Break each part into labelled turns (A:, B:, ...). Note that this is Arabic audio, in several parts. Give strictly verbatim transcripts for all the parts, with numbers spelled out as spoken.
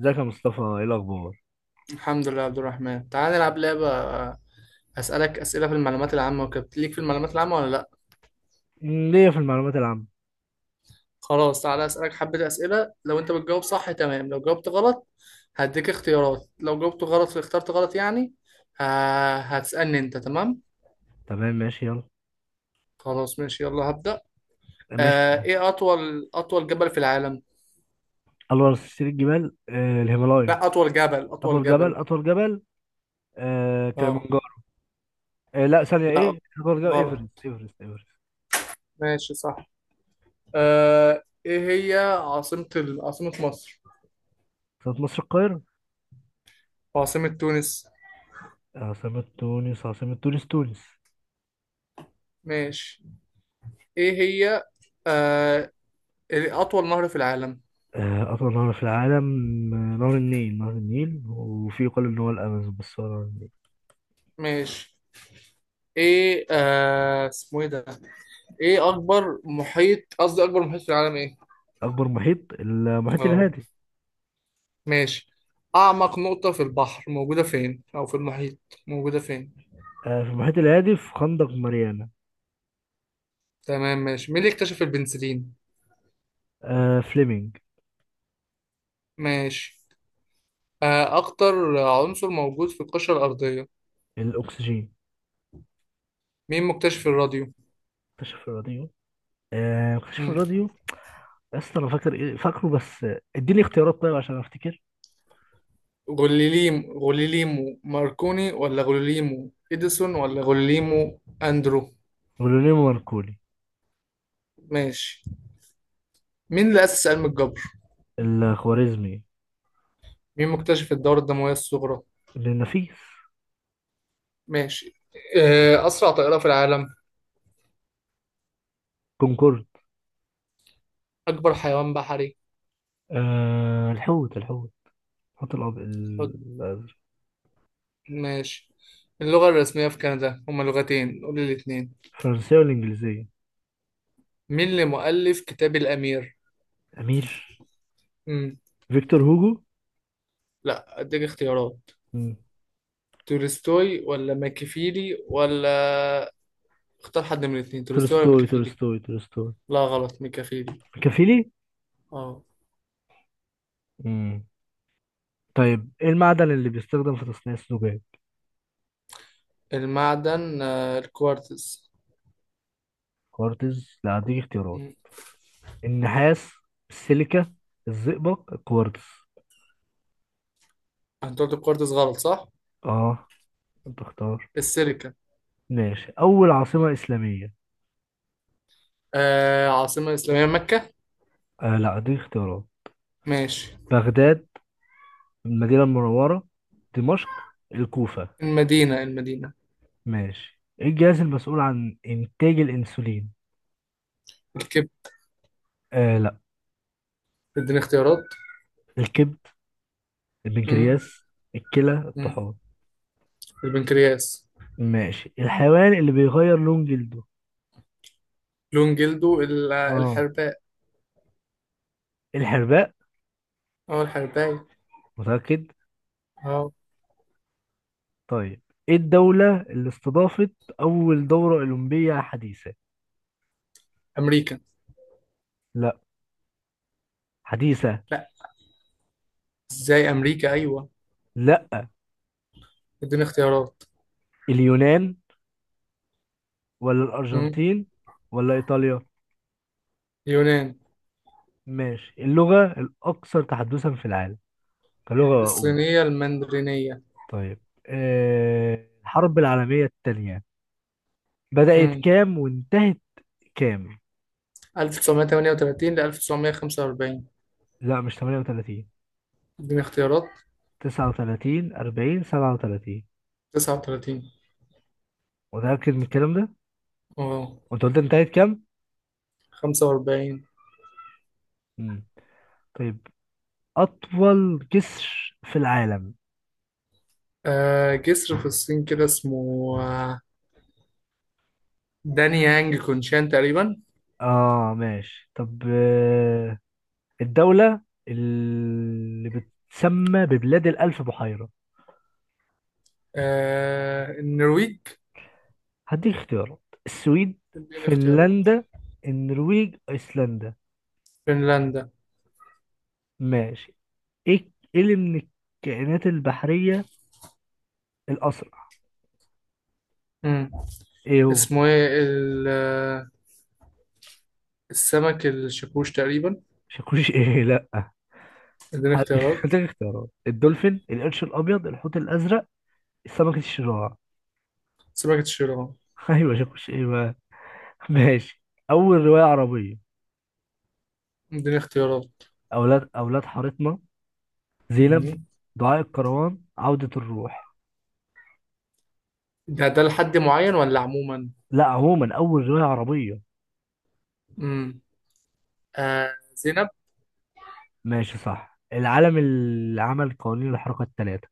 A: ازيك يا مصطفى؟ ايه الاخبار؟
B: الحمد لله يا عبد الرحمن، تعال نلعب لعبة. آه، أسألك أسئلة في المعلومات العامة وكده، ليك في المعلومات العامة ولا لأ؟
A: مم، ليا في المعلومات العامه.
B: خلاص، تعال أسألك حبة أسئلة. لو أنت بتجاوب صح تمام، لو جاوبت غلط هديك اختيارات. لو جاوبت غلط اخترت غلط يعني ه- هتسألني أنت، تمام؟
A: تمام، ماشي، يلا.
B: خلاص ماشي يلا هبدأ.
A: ماشي.
B: آه إيه أطول أطول جبل في العالم؟
A: الله، سلسله الجبال آه الهيمالايا.
B: لا، أطول جبل، أطول
A: اطول جبل،
B: جبل.
A: اطول جبل. آه
B: أه.
A: كليمنجارو. آه لا، ثانيه،
B: لا
A: ايه اطول جبل؟ ايفرست،
B: غلط.
A: ايفرست، ايفرست.
B: ماشي صح. آه إيه هي عاصمة ال- عاصمة مصر؟
A: عاصمه مصر القاهره.
B: وعاصمة تونس؟
A: عاصمه تونس، عاصمه تونس، تونس.
B: ماشي. ايه هي، آه اطول نهر في العالم؟
A: آه اطول نهر في العالم، آه، نهر النيل، نهر النيل، وفي يقال ان هو الامازون، بس هو نهر النيل.
B: ماشي. ايه، آه اسمه ايه ده؟ ايه اكبر محيط، قصدي اكبر محيط في العالم ايه؟
A: اكبر محيط المحيط
B: اه
A: الهادي.
B: ماشي. اعمق نقطة في البحر موجودة فين، او في المحيط موجودة فين؟
A: آه، في المحيط الهادي، في خندق ماريانا.
B: تمام ماشي. مين اللي اكتشف البنسلين؟
A: آه، فليمنج.
B: ماشي. آه اكتر عنصر موجود في القشرة الارضية؟
A: الاكسجين.
B: مين مكتشف الراديو؟
A: اكتشف الراديوم. آه كشف
B: مم.
A: الراديو. يا اسطى انا فاكر، ايه فاكره، بس آه، اديني اختيارات طيب عشان افتكر.
B: غليليم غليليمو ماركوني ولا غليليمو اديسون ولا غليليمو اندرو؟
A: ولونين ماركوني.
B: ماشي. مين اللي أسس علم الجبر؟
A: الخوارزمي.
B: مين مكتشف الدورة الدموية الصغرى؟
A: ابن النفيس.
B: ماشي. آه، أسرع طائرة في العالم؟
A: كونكورد.
B: أكبر حيوان بحري؟
A: آه الحوت الحوت. الحوت الأب-
B: حط.
A: الازرق.
B: ماشي. اللغة الرسمية في كندا هما لغتين، قول لي الاتنين.
A: الفرنسية والانجليزية.
B: مين اللي مؤلف كتاب الأمير؟
A: امير.
B: مم.
A: فيكتور هوجو.
B: لا أديك اختيارات.
A: مم.
B: تولستوي ولا ماكيافيلي ولا، اختار حد من الاتنين، تولستوي ولا
A: تولستوي
B: ماكيافيلي؟
A: تولستوي تولستوي.
B: لا غلط، ماكيافيلي.
A: كافيلي.
B: اه.
A: مم. طيب، ايه المعدن اللي بيستخدم في تصنيع الزجاج؟
B: المعدن، آه، الكوارتز.
A: كوارتز، لا هديك اختيارات.
B: مم.
A: النحاس، السيليكا، الزئبق، الكوارتز.
B: انت قلت الكوارتز غلط صح؟
A: اه، انت اختار.
B: السيليكا.
A: ماشي، أول عاصمة إسلامية.
B: آه، عاصمة إسلامية، مكة.
A: آه لا، دي اختيارات.
B: ماشي.
A: بغداد، المدينة المنورة، دمشق، الكوفة.
B: المدينة، المدينة.
A: ماشي، إيه الجهاز المسؤول عن إنتاج الأنسولين؟
B: الكبد.
A: آه لا.
B: اديني اختيارات.
A: الكبد،
B: مم.
A: البنكرياس، الكلى،
B: مم.
A: الطحال.
B: البنكرياس.
A: ماشي، الحيوان اللي بيغير لون جلده.
B: لون جلده، ال-
A: آه،
B: الحرباء.
A: الحرباء.
B: اه الحرباي.
A: متأكد.
B: اه.
A: طيب، إيه الدولة اللي استضافت أول دورة أولمبية حديثة؟
B: أمريكا.
A: لا. حديثة.
B: لا. ازاي أمريكا، أيوة.
A: لا.
B: اديني اختيارات.
A: اليونان، ولا
B: مم.
A: الأرجنتين، ولا إيطاليا.
B: اليونان.
A: ماشي، اللغة الأكثر تحدثا في العالم كلغة أم.
B: الصينية المندرينية.
A: طيب، أه الحرب العالمية الثانية بدأت
B: مم.
A: كام وانتهت كام؟
B: ألف وتسعمية وتمنية وتلاتين ل ألف وتسعمية وخمسة وأربعين.
A: لا، مش تمنية وتلاتين.
B: اديني اختيارات.
A: تسعة وتلاتين، أربعين، سبعة وتلاتين.
B: تسعة وتلاتين.
A: متأكد من الكلام ده؟
B: اه.
A: وأنت قلت انتهت كام؟
B: خمسة وأربعين.
A: مم. طيب، أطول جسر في العالم.
B: آه، جسر في الصين كده اسمه، آه، داني يانج كونشان تقريبا.
A: آه ماشي. طب أه الدولة اللي بتسمى ببلاد الألف بحيرة.
B: آه، النرويج.
A: هديك اختيارات، السويد،
B: اديني اختيارات.
A: فنلندا، النرويج، ايسلندا.
B: فنلندا.
A: ماشي. ايه إيه اللي من الكائنات البحرية الأسرع؟
B: مم.
A: ايه هو؟
B: اسمه ايه ال- آه، السمك الشاكوش تقريبا.
A: مش هيكونش ايه، لا.
B: اديني
A: هديك،
B: اختيارات.
A: هديك اختيارات. الدولفين، القرش الأبيض، الحوت الأزرق، سمكة الشراع.
B: سمكة الشيران.
A: ايوه، مش هيكونش ايه بقى. ماشي، أول رواية عربية.
B: اديني اختيارات.
A: أولاد أولاد حارتنا، زينب،
B: مم.
A: دعاء الكروان، عودة الروح.
B: ده ده لحد معين ولا عموما؟
A: لا، عموما أول رواية عربية.
B: مم. آه، زينب.
A: ماشي صح. العالم اللي عمل قوانين الحركة الثلاثة.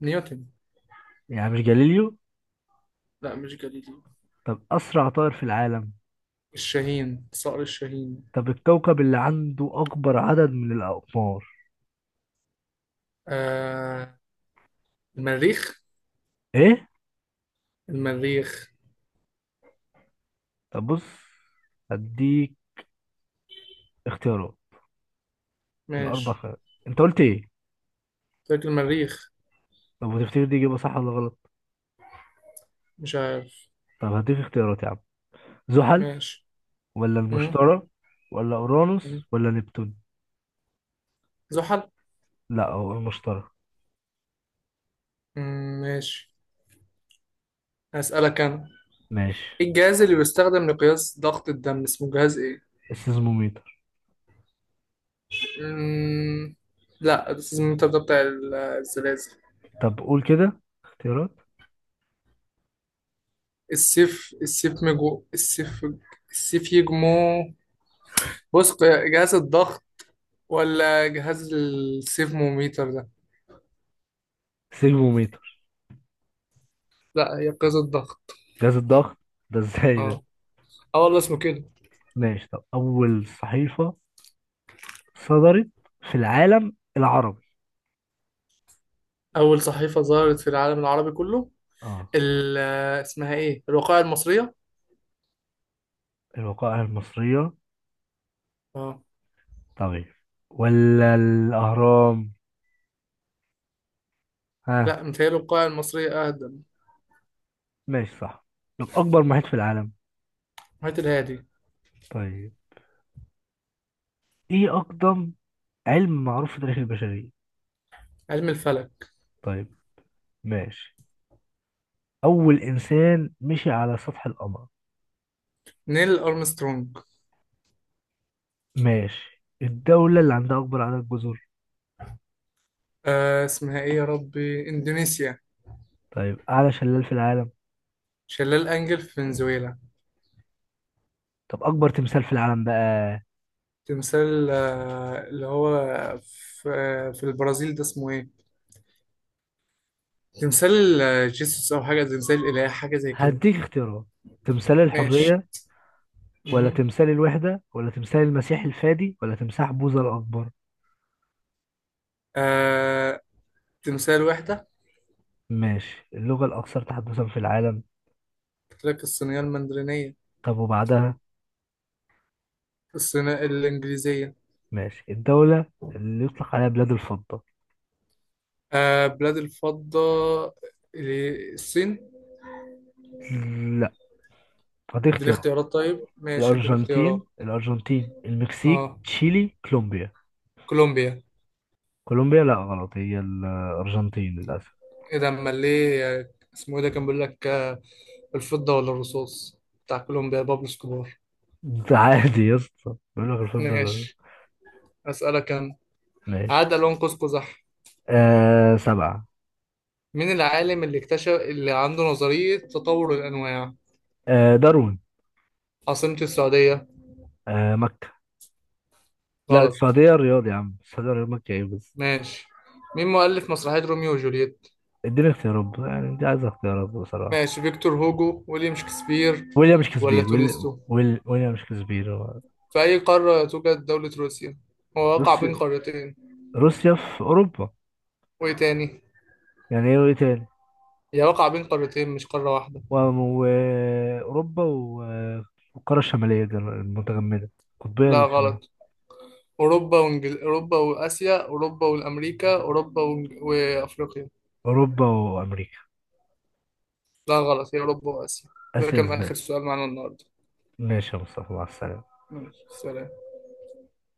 B: نيوتن.
A: يعني مش جاليليو.
B: لا مش جليليو.
A: طب، أسرع طائر في العالم.
B: الشاهين، صقر الشاهين.
A: طب، الكوكب اللي عنده أكبر عدد من الأقمار.
B: آه المريخ.
A: إيه؟
B: المريخ.
A: طب بص، هديك اختيارات، الأربع
B: ماشي.
A: خيارات. أنت قلت إيه؟
B: فاكر المريخ.
A: طب، وتفتكر دي إجابة صح ولا غلط؟
B: مش عارف.
A: طب، هديك اختيارات يا عم. زحل،
B: ماشي.
A: ولا
B: مم.
A: المشتري، ولا أورانوس ولا نبتون؟
B: زحل.
A: لا، هو المشتري.
B: مم، ماشي. هسألك أنا.
A: ماشي.
B: إيه الجهاز اللي بيستخدم لقياس ضغط الدم، اسمه جهاز إيه؟
A: السيزموميتر.
B: مم. لا، السيزمومتر ده بتاع ال- الزلازل.
A: طب قول كده اختيارات.
B: السيف، السيف مجو، السيف، السيف يجمو. بص قي- جهاز الضغط ولا جهاز السيفموميتر ده؟
A: سيزموميتر.
B: لا هي قياس الضغط.
A: جهاز الضغط، ده ازاي ده؟
B: اه. اه والله اسمه كده.
A: ماشي. طب، أول صحيفة صدرت في العالم العربي.
B: أول صحيفة ظهرت في العالم العربي كله،
A: اه،
B: ال اسمها إيه؟ الوقائع المصرية؟
A: الوقائع المصرية.
B: اه.
A: طبيعي، ولا الأهرام؟ ها؟
B: لا متهيألي الوقائع المصرية أقدم.
A: ماشي صح. طب، أكبر محيط في العالم.
B: هات، الهادي.
A: طيب، إيه أقدم علم معروف في تاريخ البشرية.
B: علم الفلك.
A: طيب، ماشي. أول إنسان مشي على سطح القمر.
B: نيل أرمسترونج.
A: ماشي، الدولة اللي عندها أكبر عدد جزر.
B: آه اسمها إيه يا ربي، إندونيسيا.
A: طيب، أعلى شلال في العالم.
B: شلال أنجل في فنزويلا.
A: طب، أكبر تمثال في العالم بقى.
B: تمثال آه اللي هو في، آه في البرازيل ده اسمه إيه، تمثال آه جيسوس أو حاجة، تمثال الإله حاجة زي كده.
A: هديك اختيارات، تمثال
B: ماشي.
A: الحرية، ولا
B: مهم.
A: تمثال الوحدة، ولا تمثال المسيح الفادي، ولا تمساح بوذا الأكبر.
B: آه، تمثال وحدة.
A: ماشي، اللغة الأكثر تحدثا في العالم.
B: قلت لك الصينية المندرينية.
A: طب وبعدها.
B: الصينية، الإنجليزية.
A: ماشي، الدولة اللي يطلق عليها بلاد الفضة.
B: آه، بلاد الفضة، اللي- الصين.
A: لا، فدي
B: اديني
A: اختيارات.
B: اختيارات طيب، ماشي اديني
A: الأرجنتين
B: اختيارات.
A: الأرجنتين المكسيك،
B: اه،
A: تشيلي، كولومبيا.
B: كولومبيا.
A: كولومبيا، لا غلط، هي الأرجنتين للأسف.
B: ايه ده، امال ليه، آه، اسمه ايه ده كان بيقول لك، آه، الفضة ولا الرصاص، بتاع كولومبيا بابلو اسكوبار.
A: ده عادي يا اسطى، بيقول لك الفضة لا.
B: ماشي. اسألك انا.
A: ماشي.
B: عاد لون قوس قزح.
A: آه سبعة.
B: مين العالم اللي اكتشف، اللي عنده نظرية تطور الأنواع؟
A: آه داروين.
B: عاصمة السعودية.
A: آه مكة. لا،
B: غلط.
A: السعودية الرياض يا عم، السعودية الرياض، مكة ايه بس.
B: ماشي. مين مؤلف مسرحية روميو وجولييت؟
A: اديني اختيارات بقى، يعني انت عايز اختيارات بصراحة.
B: ماشي، فيكتور هوجو، ويليام شكسبير،
A: ويليام
B: ولا
A: شكسبير، ويل...
B: تولستو.
A: ويل... ويليام شكسبير هو.
B: في أي قارة توجد دولة روسيا؟ هو واقع بين
A: روسيا،
B: قارتين.
A: روسيا في أوروبا.
B: وإيه تاني؟
A: يعني ايه وايه تاني؟
B: هي واقع بين قارتين مش قارة واحدة.
A: وأوروبا و... وأوروبا و- والقارة الشمالية دي المتجمدة، القطبية
B: لا غلط.
A: الشمالية.
B: أوروبا وإنجل... أوروبا وآسيا، أوروبا والأمريكا، أوروبا وإنج... وأفريقيا.
A: أوروبا وأمريكا.
B: لا غلط، هي أوروبا وآسيا. ده
A: آسيا
B: كان
A: إزاي؟
B: آخر سؤال معانا النهاردة.
A: ماشي يا مصطفى، مع السلامة.
B: ماشي، سلام.